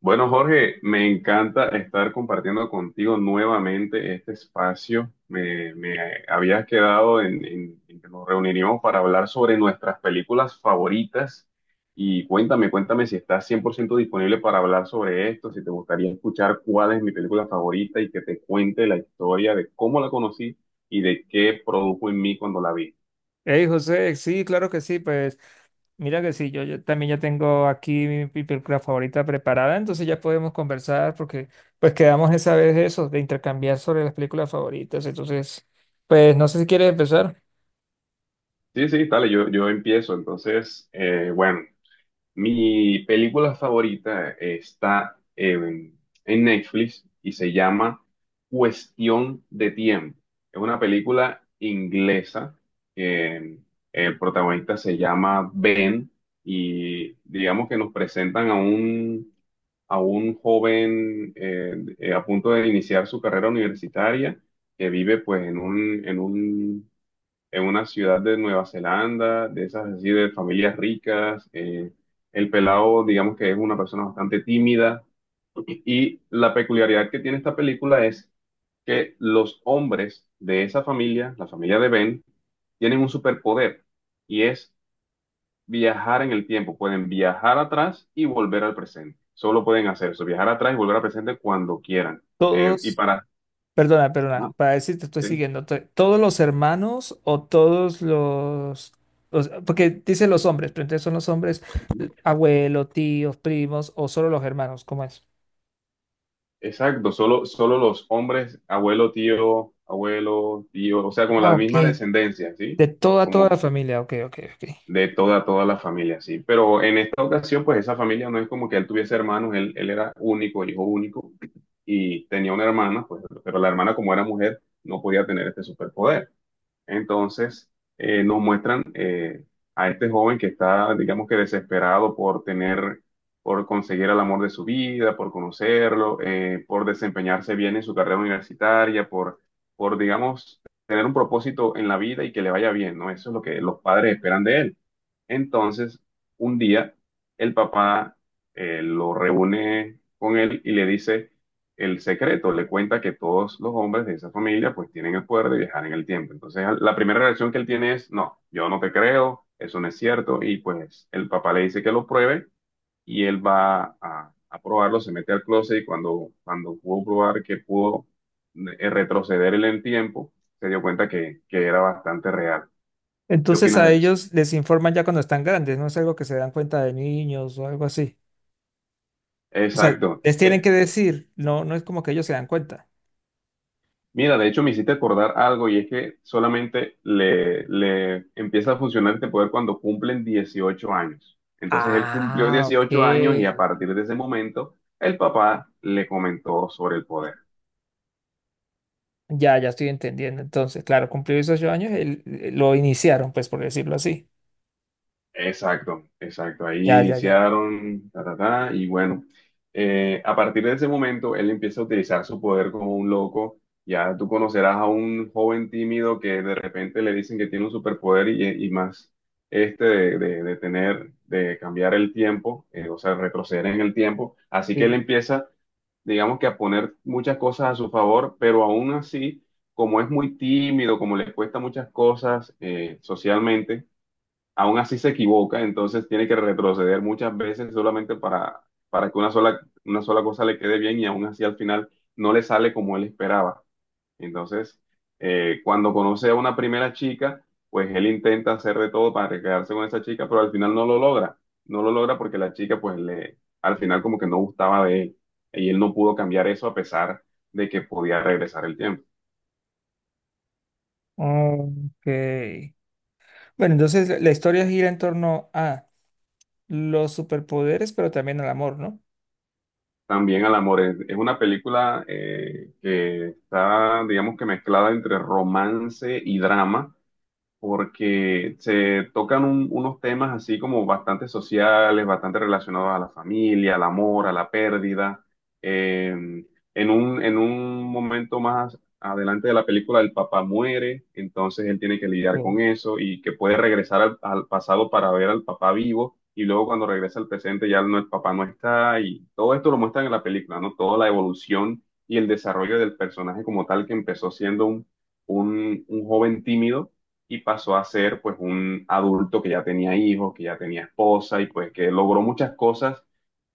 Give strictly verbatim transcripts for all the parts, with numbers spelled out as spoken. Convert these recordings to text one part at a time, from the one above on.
Bueno, Jorge, me encanta estar compartiendo contigo nuevamente este espacio. Me, me habías quedado en, en- en que nos reuniríamos para hablar sobre nuestras películas favoritas. Y cuéntame, cuéntame si estás cien por ciento disponible para hablar sobre esto, si te gustaría escuchar cuál es mi película favorita y que te cuente la historia de cómo la conocí y de qué produjo en mí cuando la vi. Hey, José, sí, claro que sí, pues mira que sí, yo, yo también ya tengo aquí mi, mi película favorita preparada, entonces ya podemos conversar porque pues quedamos esa vez de eso, de intercambiar sobre las películas favoritas, entonces pues no sé si quieres empezar. Sí, sí, dale, yo, yo empiezo. Entonces, eh, bueno. Mi película favorita está en, en Netflix y se llama Cuestión de Tiempo. Es una película inglesa que em, el protagonista se llama Ben y digamos que nos presentan a un, a un joven eh, eh, a punto de iniciar su carrera universitaria que vive pues en un, en un en una ciudad de Nueva Zelanda, de esas así de familias ricas. Eh, el pelado, digamos que es una persona bastante tímida. Y, y la peculiaridad que tiene esta película es que los hombres de esa familia, la familia de Ben, tienen un superpoder y es viajar en el tiempo. Pueden viajar atrás y volver al presente. Solo pueden hacer eso, viajar atrás y volver al presente cuando quieran. Eh, y Todos, para... perdona, perdona, Ajá, para decir te estoy sí, siguiendo, to- todos los hermanos o todos los, o sea, porque dice los hombres, pero entonces son los hombres, ujú. abuelos, tíos, primos o solo los hermanos, ¿cómo es? Exacto, solo, solo los hombres, abuelo, tío, abuelo, tío, o sea, como Ah, la ok. misma descendencia, ¿sí? De toda, toda la Como familia, ok, ok, ok. de toda, toda la familia, ¿sí? Pero en esta ocasión, pues esa familia no es como que él tuviese hermanos, él, él era único, hijo único, y tenía una hermana, pues, pero la hermana como era mujer, no podía tener este superpoder. Entonces, eh, nos muestran eh, a este joven que está, digamos que desesperado por tener, por conseguir el amor de su vida, por conocerlo, eh, por desempeñarse bien en su carrera universitaria, por, por, digamos, tener un propósito en la vida y que le vaya bien, ¿no? Eso es lo que los padres esperan de él. Entonces, un día, el papá eh, lo reúne con él y le dice el secreto, le cuenta que todos los hombres de esa familia pues tienen el poder de viajar en el tiempo. Entonces, la primera reacción que él tiene es, no, yo no te creo, eso no es cierto, y pues el papá le dice que lo pruebe y él va a, a probarlo, se mete al closet y cuando, cuando pudo probar que pudo eh, retroceder en el tiempo, se dio cuenta que, que era bastante real. ¿Qué Entonces opinas a de eso? ellos les informan ya cuando están grandes, no es algo que se dan cuenta de niños o algo así. O sea, Exacto. les tienen que E- decir, no, no es como que ellos se dan cuenta. Mira, de hecho me hiciste acordar algo y es que solamente le, le empieza a funcionar este poder cuando cumplen dieciocho años. Entonces él cumplió Ah, dieciocho años y ok. a partir de ese momento el papá le comentó sobre el poder. Ya, ya estoy entendiendo. Entonces, claro, cumplió esos ocho años, el- lo iniciaron, pues por decirlo así. Exacto, exacto. Ahí Ya, ya, ya. iniciaron, ta, ta, ta, y bueno, eh, a partir de ese momento él empieza a utilizar su poder como un loco. Ya tú conocerás a un joven tímido que de repente le dicen que tiene un superpoder y, y más este de, de- de tener, de cambiar el tiempo, eh, o sea, retroceder en el tiempo. Así que él Sí. empieza, digamos que a poner muchas cosas a su favor, pero aún así, como es muy tímido, como le cuesta muchas cosas eh, socialmente aún así se equivoca, entonces tiene que retroceder muchas veces solamente para, para que una sola, una sola cosa le quede bien y aún así al final no le sale como él esperaba. Entonces, eh, cuando conoce a una primera chica, pues él intenta hacer de todo para quedarse con esa chica, pero al final no lo logra. No lo logra porque la chica, pues le, al final como que no gustaba de él y él no pudo cambiar eso a pesar de que podía regresar el tiempo. Ok. Bueno, entonces la la historia gira en torno a los superpoderes, pero también al amor, ¿no? También al amor. Es, es una película eh, que está, digamos que mezclada entre romance y drama porque se tocan un- unos temas así como bastante sociales, bastante relacionados a la familia, al amor, a la pérdida. Eh, en un, en un momento más adelante de la película, el papá muere, entonces él tiene que lidiar Ok. con eso y que puede regresar al, al pasado para ver al papá vivo. Y luego cuando regresa al presente ya no, el papá no está y todo esto lo muestran en la película, ¿no? Toda la evolución y el desarrollo del personaje como tal que empezó siendo un, un un joven tímido y pasó a ser pues un adulto que ya tenía hijos, que ya tenía esposa y pues que logró muchas cosas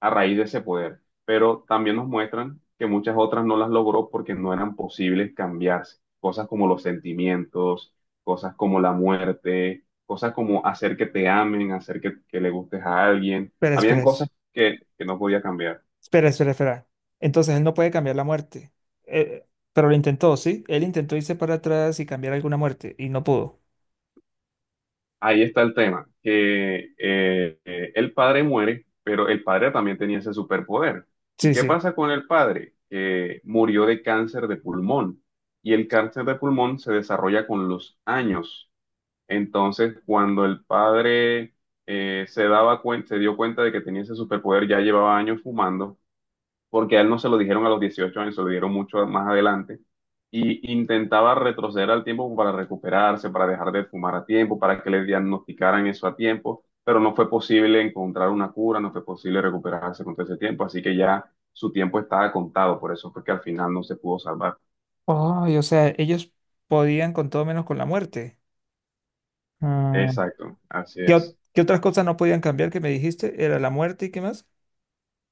a raíz de ese poder, pero también nos muestran que muchas otras no las logró porque no eran posibles cambiarse, cosas como los sentimientos, cosas como la muerte, cosas como hacer que te amen, hacer que, que le gustes a alguien, Espera, habían espera. cosas que, que no podía cambiar. Espera, espera, espera. Entonces él no puede cambiar la muerte. Eh, pero lo intentó, ¿sí? Él intentó irse para atrás y cambiar alguna muerte y no pudo. Ahí está el tema, que eh, eh, el padre muere, pero el padre también tenía ese superpoder. ¿Y Sí, qué sí. pasa con el padre? Que murió de cáncer de pulmón y el cáncer de pulmón se desarrolla con los años. Entonces, cuando el padre eh, se daba cuen- se dio cuenta de que tenía ese superpoder, ya llevaba años fumando porque a él no se lo dijeron a los dieciocho años, se lo dieron mucho más adelante, y intentaba retroceder al tiempo para recuperarse, para dejar de fumar a tiempo, para que le diagnosticaran eso a tiempo, pero no fue posible encontrar una cura, no fue posible recuperarse con todo ese tiempo, así que ya su tiempo estaba contado, por eso fue que al final no se pudo salvar. Ay, o sea, ellos podían con todo menos con la muerte. Ah, Exacto, así ¿qué, ot- es. qué otras cosas no podían cambiar que me dijiste? ¿Era la muerte y qué más?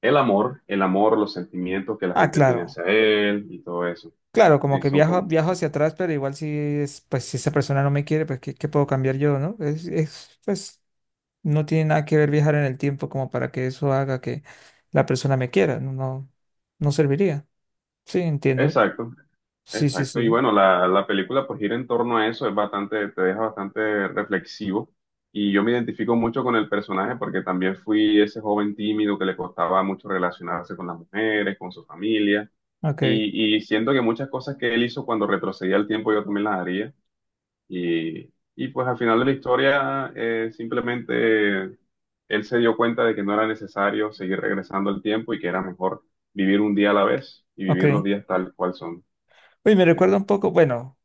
El amor, el amor, los sentimientos que la Ah, gente tiene claro. hacia él y todo eso. Claro, como Sí, que son viajo, como... viajo hacia atrás, pero igual si es, pues si esa persona no me quiere, pues ¿qué, qué puedo cambiar yo, no? Es, es, pues no tiene nada que ver viajar en el tiempo como para que eso haga que la persona me quiera. No, no, no serviría. Sí, entiendo. Exacto, Sí, sí, exacto, y sí. bueno, la, la película pues gira en torno a eso, es bastante, te deja bastante reflexivo y yo me identifico mucho con el personaje porque también fui ese joven tímido que le costaba mucho relacionarse con las mujeres, con su familia Ok, y, y siento que muchas cosas que él hizo cuando retrocedía el tiempo yo también las haría y, y pues al final de la historia eh, simplemente él se dio cuenta de que no era necesario seguir regresando al tiempo y que era mejor vivir un día a la vez y ok. vivir los días tal cual son. Uy, me ¿Sí? recuerda un poco, bueno,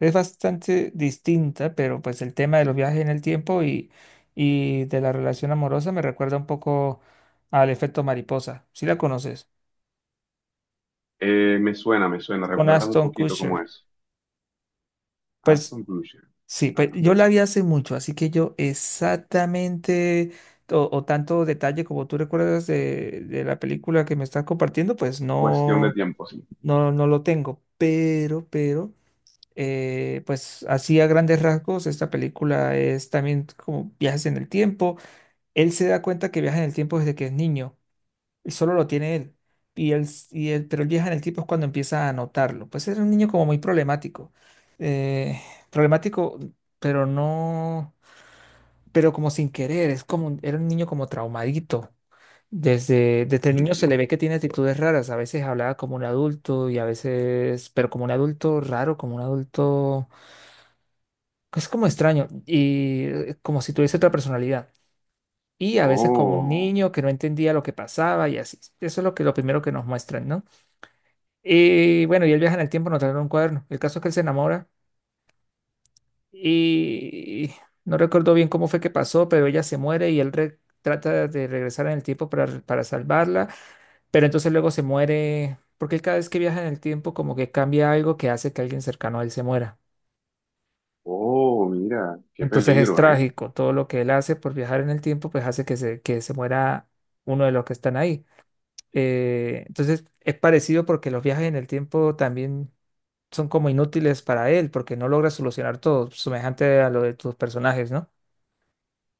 es bastante distinta, pero pues el tema de los viajes en el tiempo y, y de la relación amorosa me recuerda un poco al efecto mariposa. ¿Sí la conoces? Eh, me suena, me suena. Con ¿Recuerdas un Aston poquito cómo Kutcher. es? Pues Aston Kutcher. sí, pues Ajá. yo la vi hace mucho, así que yo exactamente o, o tanto detalle como tú recuerdas de, de la película que me estás compartiendo, pues Cuestión de no, tiempo, sí. no, no lo tengo. Pero, pero, eh, pues así a grandes rasgos, esta película es también como viajes en el tiempo. Él se da cuenta que viaja en el tiempo desde que es niño y solo lo tiene él. Y él, s- y él- pero él viaja en el tiempo es cuando empieza a notarlo. Pues era un niño como muy problemático. eh, Problemático, pero no, pero como sin querer, es como, un- era un niño como traumadito. Desde, desde niño se Ujú. le ve que tiene actitudes raras. A veces hablaba como un adulto y a veces, pero como un adulto raro, como un adulto, es como extraño y eh, como si tuviese otra personalidad. Y a veces como un Oh, niño que no entendía lo que pasaba y así. Eso es lo que, lo primero que nos muestran, ¿no? Y bueno, y él viaja en el tiempo, no trae un cuaderno. El caso es que él se enamora y no recuerdo bien cómo fue que pasó, pero ella se muere y él re- trata de regresar en el tiempo para, para salvarla, pero entonces luego se muere, porque él cada vez que viaja en el tiempo como que cambia algo que hace que alguien cercano a él se muera. oh, mira, qué Entonces es peligro, ¿eh? trágico, todo lo que él hace por viajar en el tiempo pues hace que se, que se muera uno de los que están ahí. Eh, entonces es parecido porque los viajes en el tiempo también son como inútiles para él porque no logra solucionar todo, semejante a lo de tus personajes, ¿no?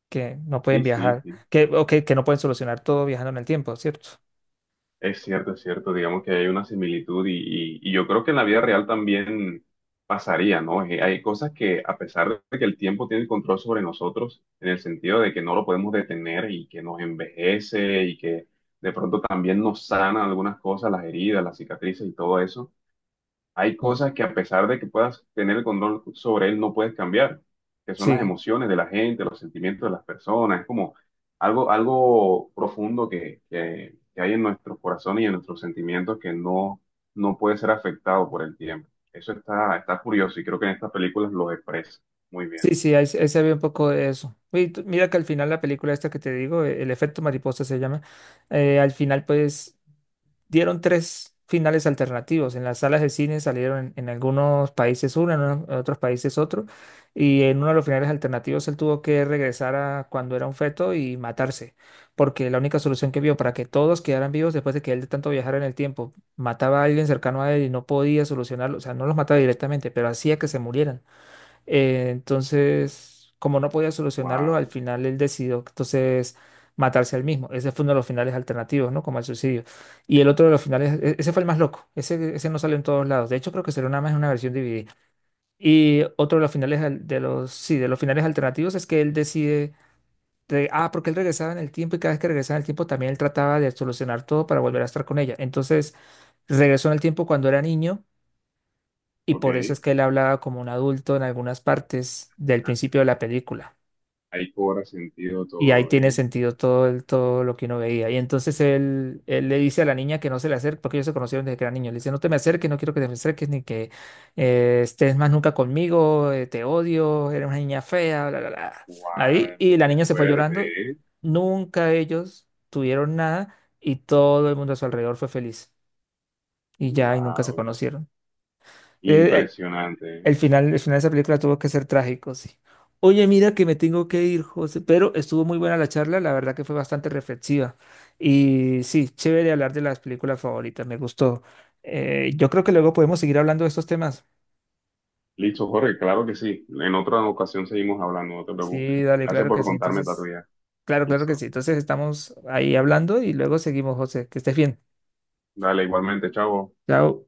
Que no pueden Sí, sí, viajar, sí. que, o que, que no pueden solucionar todo viajando en el tiempo, ¿cierto? Es cierto, es cierto. Digamos que hay una similitud y, y- y yo creo que en la vida real también pasaría, ¿no? Eh, hay cosas que, a pesar de que el tiempo tiene el control sobre nosotros, en el sentido de que no lo podemos detener y que nos envejece y que de pronto también nos sana algunas cosas, las heridas, las cicatrices y todo eso. Hay Sí, cosas que a pesar de que puedas tener el control sobre él, no puedes cambiar, que son las sí, emociones de la gente, los sentimientos de las personas. Es como algo, algo profundo que, que- que hay en nuestros corazones y en nuestros sentimientos que no, no puede ser afectado por el tiempo. Eso está, está curioso y creo que en estas películas lo expresa muy bien. sí, sí, ahí, se ahí se ve un poco de eso. Y tú- mira que al final la película esta que te digo, eh, el efecto mariposa se llama, eh, al final pues dieron tres finales alternativos. En las salas de cine salieron en, en algunos países uno, en, uno- en otros países otro, y en uno de los finales alternativos él tuvo que regresar a cuando era un feto y matarse, porque la única solución que vio para que todos quedaran vivos después de que él de tanto viajara en el tiempo mataba a alguien cercano a él y no podía solucionarlo, o sea, no los mataba directamente, pero hacía que se murieran. Eh, entonces, como no podía solucionarlo, al Wow, final él decidió entonces matarse al mismo. Ese fue uno de los finales alternativos, ¿no? Como el suicidio. Y el otro de los finales, e- ese fue el más loco. Ese, ese no salió en todos lados. De hecho, creo que salió nada más en una versión dividida. Y otro de los finales al- de los, sí, de los finales alternativos es que él decide, de- ah, porque él regresaba en el tiempo y cada vez que regresaba en el tiempo también él trataba de solucionar todo para volver a estar con ella. Entonces, regresó en el tiempo cuando era niño y por eso es ok. que él hablaba como un adulto en algunas partes del Ah, principio de la película. ahí cobra sentido Y ahí todo, tiene ¿eh? sentido todo, el- todo lo que uno veía. Y entonces él, él le dice a la niña que no se le acerque, porque ellos se conocieron desde que era niño. Le dice, no te me acerques, no quiero que te me acerques, ni que eh, estés más nunca conmigo, eh, te odio, eres una niña fea, bla, bla, bla. Ahí, Wow, y la qué niña se fue llorando. fuerte, ¿eh? Nunca ellos tuvieron nada y todo el mundo a su alrededor fue feliz. Y ya, y nunca se Wow, conocieron. Eh, impresionante, ¿eh? El final, el final de esa película tuvo que ser trágico, sí. Oye, mira que me tengo que ir, José, pero estuvo muy buena la charla, la verdad que fue bastante reflexiva. Y sí, chévere hablar de las películas favoritas, me gustó. Eh, yo creo que luego podemos seguir hablando de estos temas. Listo, Jorge, claro que sí. En otra ocasión seguimos hablando, no te preocupes. Sí, dale, Gracias claro que por sí. contarme esta Entonces, tuya. claro, claro que Listo. sí. Entonces estamos ahí hablando y luego seguimos, José. Que estés bien. Dale, igualmente, chavo. Chao.